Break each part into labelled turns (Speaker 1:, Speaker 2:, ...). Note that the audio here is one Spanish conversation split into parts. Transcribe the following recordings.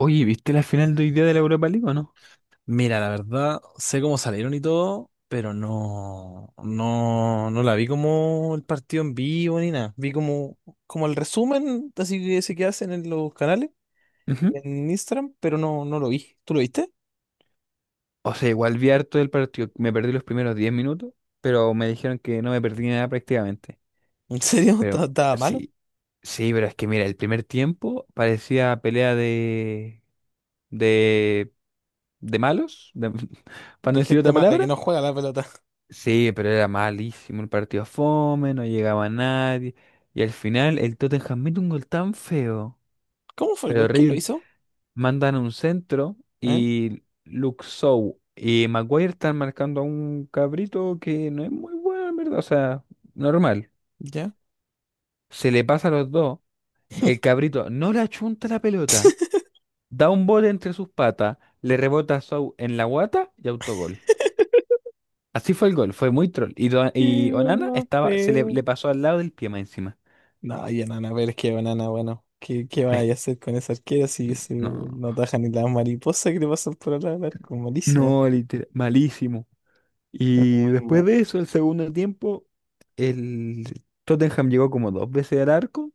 Speaker 1: Oye, ¿viste la final de hoy día de la Europa League o no?
Speaker 2: Mira, la verdad, sé cómo salieron y todo, pero no, no, no la vi como el partido en vivo ni nada. Vi como el resumen, así que ese que hacen en los canales y
Speaker 1: Ujú.
Speaker 2: en Instagram, pero no, no lo vi. ¿Tú lo viste?
Speaker 1: O sea, igual vi harto del partido. Me perdí los primeros 10 minutos, pero me dijeron que no me perdí nada prácticamente.
Speaker 2: ¿En serio? ¿Estaba
Speaker 1: Pero
Speaker 2: estaba malo?
Speaker 1: sí, sí, pero es que mira, el primer tiempo parecía pelea de, de, de malos, para
Speaker 2: De
Speaker 1: no decir
Speaker 2: gente
Speaker 1: otra
Speaker 2: mala que
Speaker 1: palabra.
Speaker 2: no juega la pelota.
Speaker 1: Sí, pero era malísimo el partido fome, no llegaba nadie. Y al final el Tottenham mete un gol tan feo,
Speaker 2: ¿Cómo fue el
Speaker 1: pero
Speaker 2: gol? ¿Quién lo
Speaker 1: horrible.
Speaker 2: hizo?
Speaker 1: Mandan a un centro
Speaker 2: ¿Eh?
Speaker 1: y Luke Shaw y Maguire están marcando a un cabrito que no es muy bueno, en verdad, o sea, normal.
Speaker 2: ¿Ya?
Speaker 1: Se le pasa a los dos, el cabrito no le achunta la pelota, da un bote entre sus patas, le rebota a Shaw en la guata y autogol. Así fue el gol, fue muy troll. Y, Do-
Speaker 2: ¡Qué
Speaker 1: y
Speaker 2: gol
Speaker 1: Onana
Speaker 2: más
Speaker 1: estaba, se le,
Speaker 2: feo!
Speaker 1: le pasó al lado del pie más encima.
Speaker 2: No, y Anana, pero es que Anana, bueno, ¿qué
Speaker 1: Es-
Speaker 2: vas a hacer con esa arquera si ese
Speaker 1: no,
Speaker 2: no taja ni las mariposas que le pasan por al lado del arco? Malísimo.
Speaker 1: no, literal, malísimo.
Speaker 2: Es
Speaker 1: Y
Speaker 2: muy
Speaker 1: después
Speaker 2: mal.
Speaker 1: de eso, el segundo tiempo, el Tottenham llegó como dos veces al arco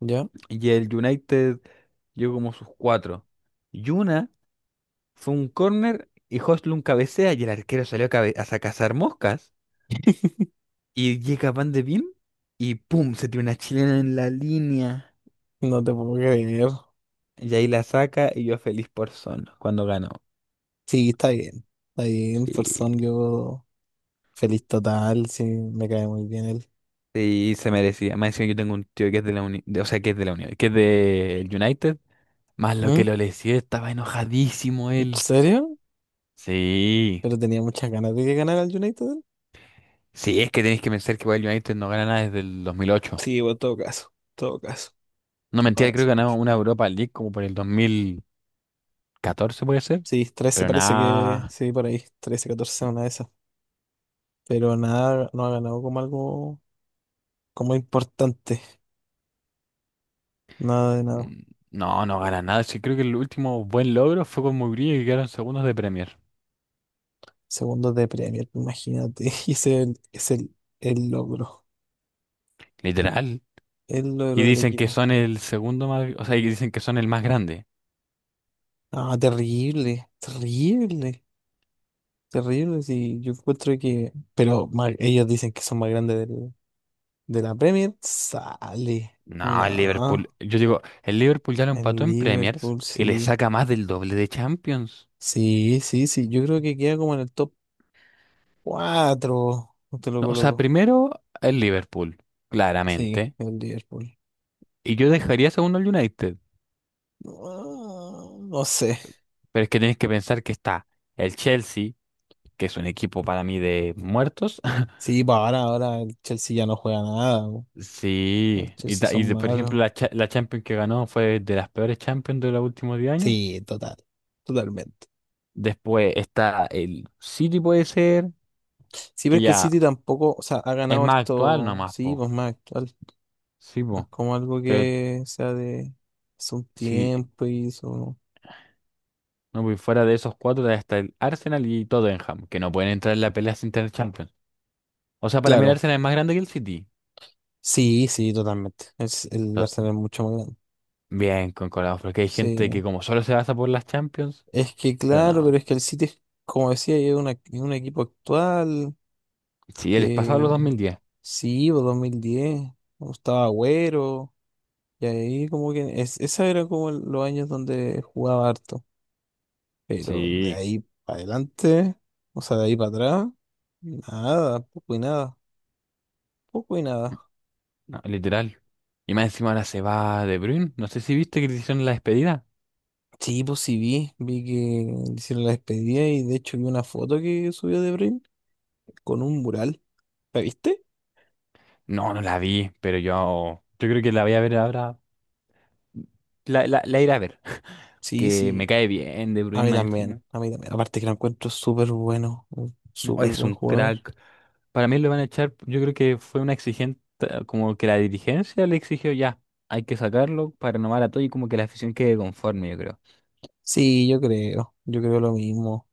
Speaker 2: ¿Ya?
Speaker 1: y el United llegó como sus cuatro. Y una fue un córner y Højlund cabecea y el arquero salió a cazar moscas y llega Van de Beem y ¡pum! Se tiene una chilena en la línea
Speaker 2: No te puedo creer.
Speaker 1: y ahí la saca y yo feliz por Son cuando ganó.
Speaker 2: Sí, está bien. Está bien,
Speaker 1: Y,
Speaker 2: persona, yo feliz total. Sí, me cae muy bien él.
Speaker 1: y se merecía. Más encima yo tengo un tío que es de la Unión, o sea, que es de la Unión, que es de United. Más lo
Speaker 2: ¿Mm?
Speaker 1: que lo lesió, estaba enojadísimo
Speaker 2: ¿En
Speaker 1: él.
Speaker 2: serio?
Speaker 1: Sí.
Speaker 2: Pero tenía muchas ganas de que ganara el United.
Speaker 1: Sí, es que tenéis que pensar que Wild United no gana nada desde el 2008.
Speaker 2: Sí, bueno, en todo caso, en todo caso.
Speaker 1: No,
Speaker 2: No lo
Speaker 1: mentira, creo que
Speaker 2: hace mucho.
Speaker 1: ganamos una Europa League como por el 2014, puede ser.
Speaker 2: Sí, 13
Speaker 1: Pero
Speaker 2: parece que.
Speaker 1: nada.
Speaker 2: Sí, por ahí. 13, 14, una de esas. Pero nada, no ha ganado como algo como importante. Nada de nada.
Speaker 1: mm, No, no gana nada. Sí, creo que el último buen logro fue con Mourinho que quedaron segundos de Premier.
Speaker 2: Segundo de Premier, imagínate. Y ese es es el logro.
Speaker 1: Literal.
Speaker 2: El
Speaker 1: Y
Speaker 2: logro del
Speaker 1: dicen que
Speaker 2: equipo.
Speaker 1: son el segundo más. O sea, y dicen que son el más grande.
Speaker 2: Ah, terrible, terrible, terrible. Sí, yo encuentro que. Pero ellos dicen que son más grandes de la Premier. Sale.
Speaker 1: No, el Liverpool.
Speaker 2: No,
Speaker 1: Yo digo, el Liverpool ya lo empató
Speaker 2: el
Speaker 1: en Premiers
Speaker 2: Liverpool,
Speaker 1: y le
Speaker 2: sí.
Speaker 1: saca más del doble de Champions.
Speaker 2: Sí, sí, sí. Yo creo que queda como en el top 4. Te lo
Speaker 1: No, o sea,
Speaker 2: coloco.
Speaker 1: primero el Liverpool,
Speaker 2: Sí,
Speaker 1: claramente.
Speaker 2: el Liverpool.
Speaker 1: Y yo dejaría segundo el United.
Speaker 2: No, no sé.
Speaker 1: Pero es que tienes que pensar que está el Chelsea, que es un equipo para mí de muertos.
Speaker 2: Sí, para ahora el Chelsea ya no juega nada, po. El
Speaker 1: Sí. Y,
Speaker 2: Chelsea son
Speaker 1: por
Speaker 2: malos.
Speaker 1: ejemplo, la Champions que ganó fue de las peores Champions de los últimos 10 años.
Speaker 2: Sí, total. Totalmente.
Speaker 1: Después está el City, puede ser,
Speaker 2: Sí, pero
Speaker 1: que
Speaker 2: es que el
Speaker 1: ya
Speaker 2: City tampoco, o sea, ha
Speaker 1: es
Speaker 2: ganado
Speaker 1: más actual
Speaker 2: esto,
Speaker 1: nomás,
Speaker 2: sí,
Speaker 1: po.
Speaker 2: pues más actual,
Speaker 1: Sí,
Speaker 2: más
Speaker 1: po.
Speaker 2: como algo
Speaker 1: Pero
Speaker 2: que sea de hace un
Speaker 1: si
Speaker 2: tiempo y eso.
Speaker 1: no voy fuera de esos cuatro, está el Arsenal y Tottenham, que no pueden entrar en la pelea sin tener Champions. O sea, para mí el
Speaker 2: Claro,
Speaker 1: Arsenal es más grande que el City.
Speaker 2: sí, sí, totalmente. El
Speaker 1: To-
Speaker 2: Arsenal es mucho más grande.
Speaker 1: Bien, concordamos, porque hay gente
Speaker 2: Sí,
Speaker 1: que como solo se basa por las Champions,
Speaker 2: es que
Speaker 1: pero
Speaker 2: claro, pero
Speaker 1: no.
Speaker 2: es que el City, es, como decía, es, es un equipo actual
Speaker 1: Sí, él es pasado
Speaker 2: que
Speaker 1: los 2010.
Speaker 2: sí, pues 2010, cuando estaba Agüero, y ahí como que es, esa era como los años donde jugaba harto. Pero de
Speaker 1: Sí,
Speaker 2: ahí para adelante, o sea, de ahí para atrás, nada, poco y nada, poco y nada.
Speaker 1: no, literal. Y más encima ahora se va De Bruyne. No sé si viste que le hicieron la despedida.
Speaker 2: Sí, pues sí vi, que le hicieron la despedida y de hecho vi una foto que subió de Brin con un mural. ¿La viste?
Speaker 1: No, no la vi, pero yo creo que la voy a ver ahora. La iré a ver.
Speaker 2: Sí,
Speaker 1: Que me
Speaker 2: sí,
Speaker 1: cae bien De
Speaker 2: a
Speaker 1: Bruyne
Speaker 2: mí
Speaker 1: más
Speaker 2: también,
Speaker 1: encima.
Speaker 2: a mí también. Aparte que lo encuentro súper bueno, un
Speaker 1: No,
Speaker 2: súper
Speaker 1: es
Speaker 2: buen
Speaker 1: un
Speaker 2: jugador.
Speaker 1: crack. Para mí lo van a echar, yo creo que fue una exigente, como que la dirigencia le exigió ya, hay que sacarlo para renovar a todo y como que la afición quede conforme, yo creo.
Speaker 2: Sí, yo creo lo mismo,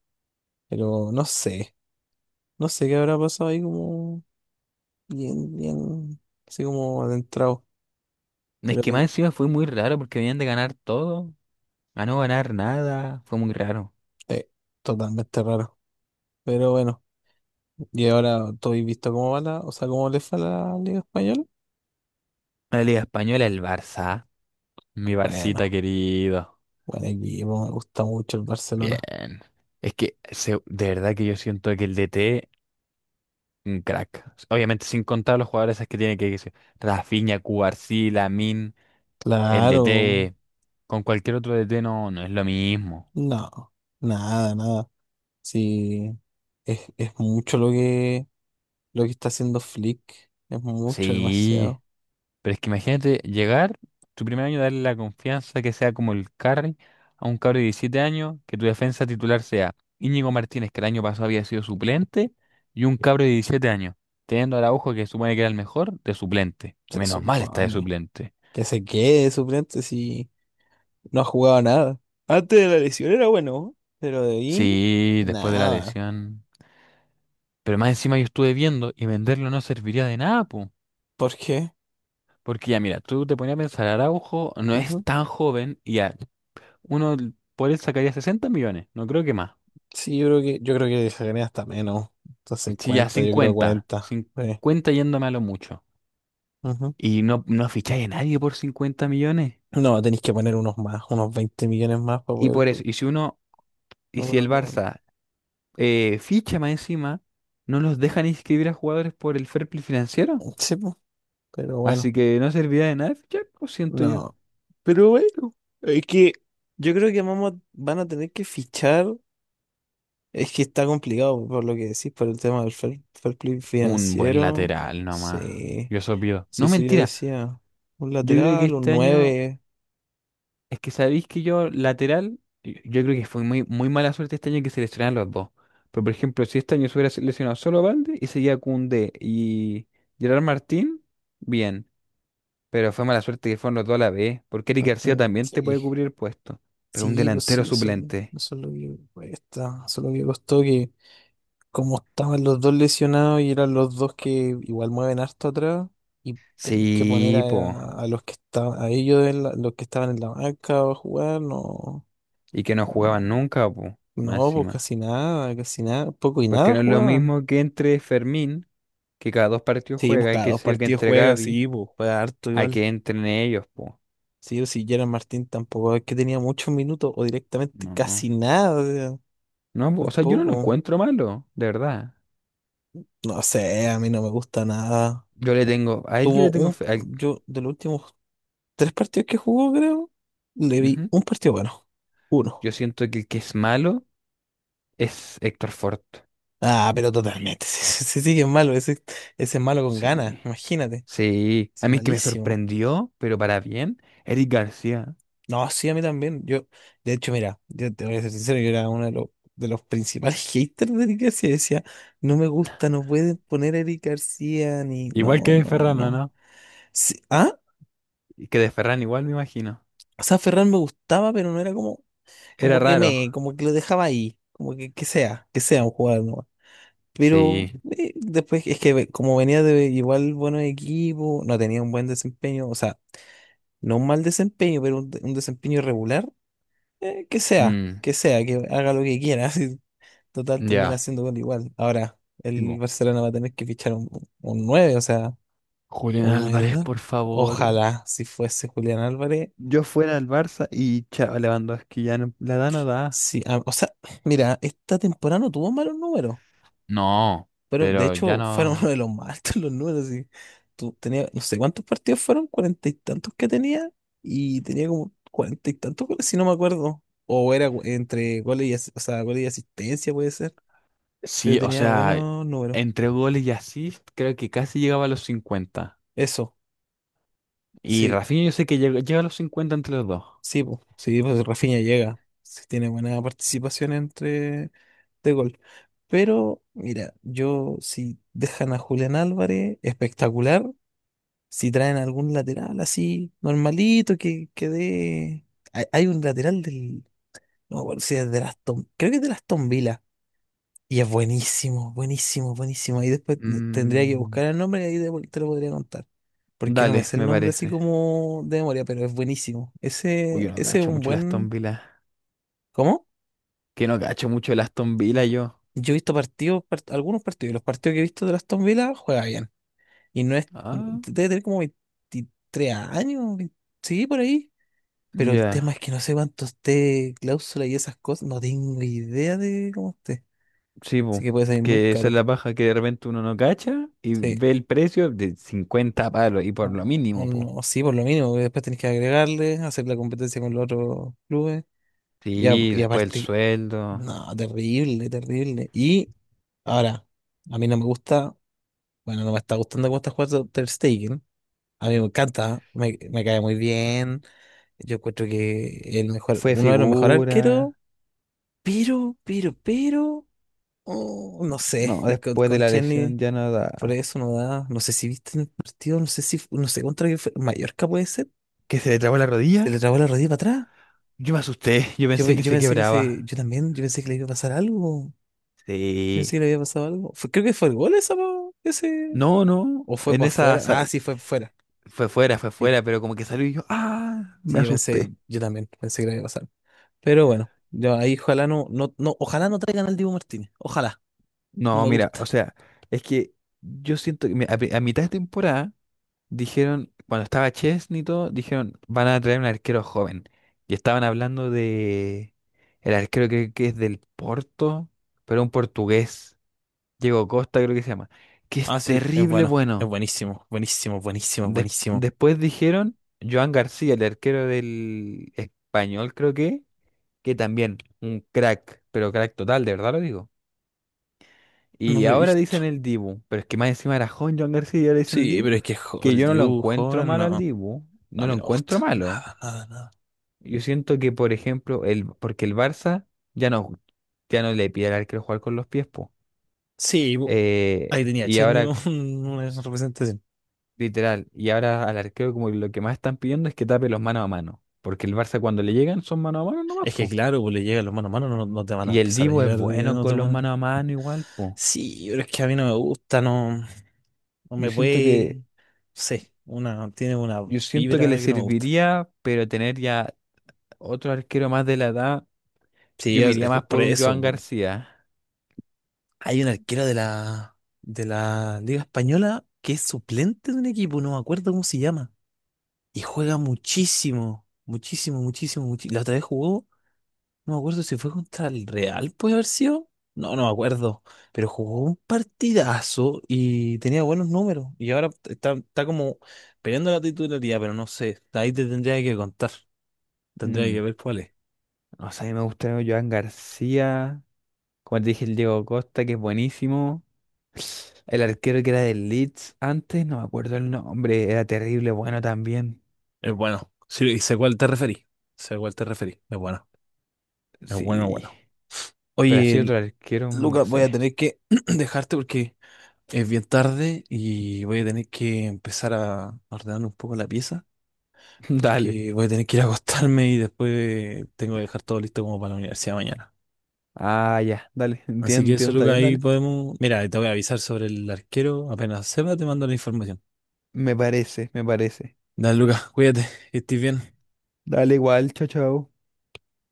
Speaker 2: pero no sé qué habrá pasado ahí como bien, bien, así como adentrado.
Speaker 1: Es
Speaker 2: Pero
Speaker 1: que más encima fue muy raro porque venían de ganar todo, a no ganar nada, fue muy raro.
Speaker 2: sí, totalmente raro. Pero bueno, y ahora tú has visto cómo va la, o sea, cómo le fue a la Liga Española.
Speaker 1: La Liga Española, el Barça, mi Barcita
Speaker 2: Bueno,
Speaker 1: querido.
Speaker 2: buen equipo, me gusta mucho el
Speaker 1: Bien.
Speaker 2: Barcelona.
Speaker 1: Es que de verdad que yo siento que el DT, un crack. Obviamente sin contar los jugadores esos que tiene que decir, Rafinha, Cubarsí, Lamin. El
Speaker 2: Claro,
Speaker 1: DT con cualquier otro DT no, no es lo mismo.
Speaker 2: no, nada, nada. Sí, es mucho lo que está haciendo Flick, es mucho,
Speaker 1: Sí,
Speaker 2: demasiado.
Speaker 1: pero es que imagínate llegar tu primer año, darle la confianza que sea como el carry a un cabro de 17 años, que tu defensa titular sea Íñigo Martínez, que el año pasado había sido suplente, y un cabro de 17 años, teniendo a Araujo, que supone que era el mejor, de suplente. Y
Speaker 2: Se
Speaker 1: menos mal está de
Speaker 2: supone
Speaker 1: suplente.
Speaker 2: que se quede de suplente si no ha jugado nada. Antes de la lesión era bueno, pero de ahí,
Speaker 1: Sí, después de la
Speaker 2: nada.
Speaker 1: lesión. Pero más encima yo estuve viendo y venderlo no serviría de nada, po.
Speaker 2: ¿Por qué?
Speaker 1: Porque ya, mira, tú te ponías a pensar, Araujo no es tan joven y ya, uno por él sacaría 60 millones, no creo que más.
Speaker 2: Sí, yo creo que sacaría hasta menos. Entonces
Speaker 1: Sí, ya
Speaker 2: 50 yo creo
Speaker 1: 50
Speaker 2: 40 sí.
Speaker 1: 50 yéndome a lo mucho.
Speaker 2: Ujú.
Speaker 1: Y no, no ficháis a nadie por 50 millones.
Speaker 2: No, tenéis que poner unos más, unos 20 millones más para
Speaker 1: Y
Speaker 2: poder.
Speaker 1: por eso, y si uno, y
Speaker 2: No,
Speaker 1: si
Speaker 2: para
Speaker 1: el Barça ficha más encima, no los dejan inscribir a jugadores por el fair play financiero.
Speaker 2: sí, po, pero
Speaker 1: Así
Speaker 2: bueno,
Speaker 1: que no serviría de nada fichar, lo siento yo.
Speaker 2: no. Pero bueno, es que yo creo que vamos, van a tener que fichar. Es que está complicado por lo que decís, por el tema del fair play
Speaker 1: Un buen
Speaker 2: financiero.
Speaker 1: lateral nomás,
Speaker 2: Sí,
Speaker 1: yo eso pido.
Speaker 2: sí,
Speaker 1: No,
Speaker 2: eso yo
Speaker 1: mentira,
Speaker 2: decía. Un
Speaker 1: yo creo que
Speaker 2: lateral, un
Speaker 1: este año.
Speaker 2: nueve.
Speaker 1: Es que sabéis que yo, lateral, yo creo que fue muy, muy mala suerte este año que se lesionaron los dos. Pero, por ejemplo, si este año se hubiera lesionado solo Valde y seguía Koundé y Gerard Martín, bien. Pero fue mala suerte que fueron los dos a la vez, porque Eric García también te
Speaker 2: Sí.
Speaker 1: puede cubrir el puesto. Pero un
Speaker 2: Sí, pues
Speaker 1: delantero
Speaker 2: sí, eso,
Speaker 1: suplente.
Speaker 2: eso es lo que cuesta, eso es lo que costó que como estaban los dos lesionados y eran los dos que igual mueven harto atrás y tenés que poner
Speaker 1: Sí, po.
Speaker 2: a, los que estaban, a ellos en los que estaban en la banca a jugar, no,
Speaker 1: Y que no jugaban
Speaker 2: no,
Speaker 1: nunca, po. Más
Speaker 2: no, pues
Speaker 1: encima.
Speaker 2: casi nada, poco y
Speaker 1: Porque
Speaker 2: nada
Speaker 1: no es lo
Speaker 2: jugaban.
Speaker 1: mismo que entre Fermín, que cada dos partidos
Speaker 2: Sí, pues
Speaker 1: juega, y
Speaker 2: cada
Speaker 1: que
Speaker 2: dos
Speaker 1: sé yo, que
Speaker 2: partidos
Speaker 1: entre
Speaker 2: juega,
Speaker 1: Gavi,
Speaker 2: sí, pues juega harto
Speaker 1: a
Speaker 2: igual.
Speaker 1: que entren ellos, po.
Speaker 2: Sí, o si Gerard Martín tampoco es que tenía muchos minutos o directamente
Speaker 1: No.
Speaker 2: casi nada, o sea,
Speaker 1: No,
Speaker 2: muy
Speaker 1: o sea, yo no lo
Speaker 2: poco.
Speaker 1: encuentro malo, de verdad.
Speaker 2: No sé, a mí no me gusta nada.
Speaker 1: Yo le tengo, a él yo
Speaker 2: Tuvo
Speaker 1: le tengo
Speaker 2: un,
Speaker 1: fe.
Speaker 2: yo de los últimos tres partidos que jugó, creo, le vi
Speaker 1: Ujú.
Speaker 2: un partido bueno. Uno.
Speaker 1: Yo siento que el que es malo es Héctor Ford.
Speaker 2: Ah, pero totalmente. Sí, sí, sí, que es malo. Ese es malo con ganas,
Speaker 1: Sí,
Speaker 2: imagínate.
Speaker 1: sí.
Speaker 2: Es
Speaker 1: A mí que me
Speaker 2: malísimo.
Speaker 1: sorprendió, pero para bien, Eric García.
Speaker 2: No, sí, a mí también. Yo, de hecho, mira, yo te voy a ser sincero, yo era uno de los, principales haters de Eric García. Decía, no me gusta, no pueden poner a Eric García ni.
Speaker 1: Igual
Speaker 2: No,
Speaker 1: que
Speaker 2: no,
Speaker 1: Ferranda,
Speaker 2: no.
Speaker 1: ¿no?
Speaker 2: Sí, ah,
Speaker 1: Y que de Ferran igual me imagino.
Speaker 2: o sea, Ferran me gustaba, pero no era como,
Speaker 1: Era
Speaker 2: como que
Speaker 1: raro.
Speaker 2: me, como que lo dejaba ahí, como que, que sea un jugador nomás. Pero
Speaker 1: Sí.
Speaker 2: después es que como venía de igual buenos equipos, no tenía un buen desempeño, o sea, no un mal desempeño, pero un desempeño irregular, que sea,
Speaker 1: Mm,
Speaker 2: que sea, que haga lo que quiera, así, total termina
Speaker 1: ya.
Speaker 2: haciendo gol igual. Ahora,
Speaker 1: Sí,
Speaker 2: el
Speaker 1: po.
Speaker 2: Barcelona va a tener que fichar un 9 o sea,
Speaker 1: Julián
Speaker 2: un 9
Speaker 1: Álvarez,
Speaker 2: total.
Speaker 1: por favor.
Speaker 2: Ojalá si fuese Julián Álvarez,
Speaker 1: Yo fuera al Barça y chao, Lewandowski ya no, la da no da.
Speaker 2: sí, ah, o sea, mira, esta temporada no tuvo malos números.
Speaker 1: No,
Speaker 2: Fueron, de
Speaker 1: pero ya
Speaker 2: hecho, fueron uno
Speaker 1: no.
Speaker 2: de los más altos los números. Y tú tenías, no sé cuántos partidos fueron, cuarenta y tantos que tenía, y tenía como cuarenta y tantos goles, si no me acuerdo. O era entre goles y o sea, goles y asistencia, puede ser, pero
Speaker 1: Sí, o
Speaker 2: tenía
Speaker 1: sea,
Speaker 2: buenos números.
Speaker 1: entre goles y asist creo que casi llegaba a los 50.
Speaker 2: Eso,
Speaker 1: Y
Speaker 2: sí,
Speaker 1: Rafinha yo sé que llega a los 50 entre los dos.
Speaker 2: sí, pues Rafinha llega, sí, tiene buena participación entre de gol. Pero, mira, yo si dejan a Julián Álvarez, espectacular. Si traen algún lateral así, normalito, que, dé. Hay un lateral del. No me acuerdo si es de las Tom. Creo que es de las Aston Villa. Y es buenísimo, buenísimo, buenísimo. Y después tendría que
Speaker 1: Mm,
Speaker 2: buscar el nombre y ahí te lo podría contar. Porque no me
Speaker 1: dale,
Speaker 2: sé el
Speaker 1: me
Speaker 2: nombre así
Speaker 1: parece.
Speaker 2: como de memoria, pero es buenísimo.
Speaker 1: Uy,
Speaker 2: Ese,
Speaker 1: yo no
Speaker 2: ese es
Speaker 1: cacho
Speaker 2: un
Speaker 1: mucho el Aston
Speaker 2: buen.
Speaker 1: Villa.
Speaker 2: ¿Cómo?
Speaker 1: Que no cacho mucho el Aston Villa yo.
Speaker 2: Yo he visto partidos, algunos partidos, y los partidos que he visto de las Aston Villa juega bien. Y no es.
Speaker 1: Ah,
Speaker 2: Debe tener como 23 años, 20 sí, por ahí. Pero el tema es
Speaker 1: ya.
Speaker 2: que no sé cuánto esté cláusula y esas cosas. No tengo idea de cómo esté.
Speaker 1: Sí,
Speaker 2: Así
Speaker 1: po,
Speaker 2: que puede salir muy
Speaker 1: que esa es
Speaker 2: caro.
Speaker 1: la paja que de repente uno no cacha y
Speaker 2: Sí.
Speaker 1: ve el precio de 50 palos y por lo
Speaker 2: O
Speaker 1: mínimo, po.
Speaker 2: no, sí, por lo mínimo, porque después tenés que agregarle, hacer la competencia con los otros clubes.
Speaker 1: Sí,
Speaker 2: Y
Speaker 1: después el
Speaker 2: aparte,
Speaker 1: sueldo,
Speaker 2: no, terrible, terrible. Y ahora, a mí no me gusta, bueno, no me está gustando cómo está jugando Ter Stegen. A mí me encanta, me cae muy bien. Yo encuentro que el mejor,
Speaker 1: fue
Speaker 2: uno de los mejores
Speaker 1: figura,
Speaker 2: arqueros, pero, pero. Oh, no sé,
Speaker 1: no,
Speaker 2: con,
Speaker 1: después de
Speaker 2: con
Speaker 1: la lesión
Speaker 2: Chesney
Speaker 1: ya
Speaker 2: por
Speaker 1: nada.
Speaker 2: eso no da. No sé si viste en el partido, no sé contra qué fue. Mallorca puede ser.
Speaker 1: ¿Que se le trabó la
Speaker 2: Se le
Speaker 1: rodilla?
Speaker 2: trabó la rodilla para atrás.
Speaker 1: Yo me asusté, yo
Speaker 2: Yo,
Speaker 1: pensé que
Speaker 2: yo
Speaker 1: se
Speaker 2: pensé que se,
Speaker 1: quebraba.
Speaker 2: yo también, yo pensé que le iba a pasar algo. Yo pensé que le
Speaker 1: Sí.
Speaker 2: había pasado algo. Creo que fue el gol esa, po, ese.
Speaker 1: No, no,
Speaker 2: O fue
Speaker 1: en
Speaker 2: para
Speaker 1: esa
Speaker 2: afuera. Ah, sí, fue fuera.
Speaker 1: fue
Speaker 2: Sí,
Speaker 1: fuera, pero como que salió y yo, ah,
Speaker 2: sí,
Speaker 1: me
Speaker 2: yo pensé,
Speaker 1: asusté.
Speaker 2: yo también pensé que le iba a pasar. Pero bueno, yo ahí ojalá no, no, no, ojalá no traigan al Dibu Martínez. Ojalá, no
Speaker 1: No,
Speaker 2: me
Speaker 1: mira, o
Speaker 2: gusta.
Speaker 1: sea, es que yo siento que a mitad de temporada dijeron, cuando estaba Chesney y todo, dijeron, van a traer un arquero joven. Y estaban hablando de el arquero que es del Porto, pero un portugués, Diego Costa creo que se llama, que es
Speaker 2: Ah, sí, es
Speaker 1: terrible
Speaker 2: bueno, es
Speaker 1: bueno.
Speaker 2: buenísimo, buenísimo, buenísimo, buenísimo.
Speaker 1: Después dijeron Joan García, el arquero del español creo que también un crack, pero crack total, de verdad lo digo.
Speaker 2: No
Speaker 1: Y
Speaker 2: lo he
Speaker 1: ahora dicen
Speaker 2: visto.
Speaker 1: el Dibu, pero es que más encima era joven John García y ahora dicen el
Speaker 2: Sí,
Speaker 1: Dibu,
Speaker 2: pero es que
Speaker 1: que
Speaker 2: el
Speaker 1: yo no lo
Speaker 2: Dibu
Speaker 1: encuentro
Speaker 2: joven no,
Speaker 1: malo al
Speaker 2: a
Speaker 1: Dibu, no lo
Speaker 2: mí no me
Speaker 1: encuentro
Speaker 2: gusta.
Speaker 1: malo.
Speaker 2: Nada, nada, nada.
Speaker 1: Yo siento que, por ejemplo, porque el Barça ya no, ya no le pide al arquero jugar con los pies, po.
Speaker 2: Sí, ahí tenía
Speaker 1: Y
Speaker 2: Chesney
Speaker 1: ahora,
Speaker 2: una
Speaker 1: s-
Speaker 2: representación.
Speaker 1: literal, y ahora al arquero como lo que más están pidiendo es que tape los mano a mano, porque el Barça cuando le llegan son mano a mano nomás,
Speaker 2: Es que
Speaker 1: po.
Speaker 2: claro, pues le llegan los mano a mano, no, no te van a
Speaker 1: Y el
Speaker 2: empezar a
Speaker 1: Dibu es
Speaker 2: llegar de
Speaker 1: bueno
Speaker 2: otra
Speaker 1: con los
Speaker 2: manera.
Speaker 1: mano a mano igual, po.
Speaker 2: Sí, pero es que a mí no me gusta, no, no
Speaker 1: Yo
Speaker 2: me
Speaker 1: siento
Speaker 2: puede,
Speaker 1: que...
Speaker 2: no sé, tiene una
Speaker 1: Yo siento que
Speaker 2: vibra
Speaker 1: le
Speaker 2: que no me gusta.
Speaker 1: serviría, pero tener ya otro arquero más de la edad,
Speaker 2: Sí,
Speaker 1: yo me
Speaker 2: es,
Speaker 1: iría
Speaker 2: es
Speaker 1: más
Speaker 2: por
Speaker 1: por un
Speaker 2: eso,
Speaker 1: Joan
Speaker 2: po.
Speaker 1: García.
Speaker 2: Hay un arquero de la Liga Española que es suplente de un equipo, no me acuerdo cómo se llama. Y juega muchísimo, muchísimo, muchísimo, muchísimo. La otra vez jugó, no me acuerdo si fue contra el Real, puede haber sido. No, no me acuerdo. Pero jugó un partidazo y tenía buenos números. Y ahora está como peleando la titularidad, pero no sé. Ahí te tendría que contar. Tendría que
Speaker 1: Mm,
Speaker 2: ver cuál es.
Speaker 1: no sé, me gusta un Joan García. Como te dije, el Diego Costa, que es buenísimo. El arquero que era del Leeds antes, no me acuerdo el nombre, era terrible, bueno también.
Speaker 2: Es bueno. Sí, sé cuál te referí. Sé cuál te referí. Es bueno. Es bueno,
Speaker 1: Sí,
Speaker 2: bueno.
Speaker 1: pero así
Speaker 2: Oye,
Speaker 1: otro arquero, no
Speaker 2: Lucas, voy a
Speaker 1: sé.
Speaker 2: tener que dejarte porque es bien tarde y voy a tener que empezar a ordenar un poco la pieza
Speaker 1: Dale.
Speaker 2: porque voy a tener que ir a acostarme y después tengo que dejar todo listo como para la universidad mañana.
Speaker 1: Ah, ya, dale,
Speaker 2: Así
Speaker 1: entiendo,
Speaker 2: que eso,
Speaker 1: entiendo, está
Speaker 2: Lucas,
Speaker 1: bien,
Speaker 2: ahí
Speaker 1: dale.
Speaker 2: podemos... Mira, te voy a avisar sobre el arquero. Apenas sepa, te mando la información.
Speaker 1: Me parece, me parece.
Speaker 2: Dale, Lucas, cuídate, que estés bien.
Speaker 1: Dale igual, chao, chao.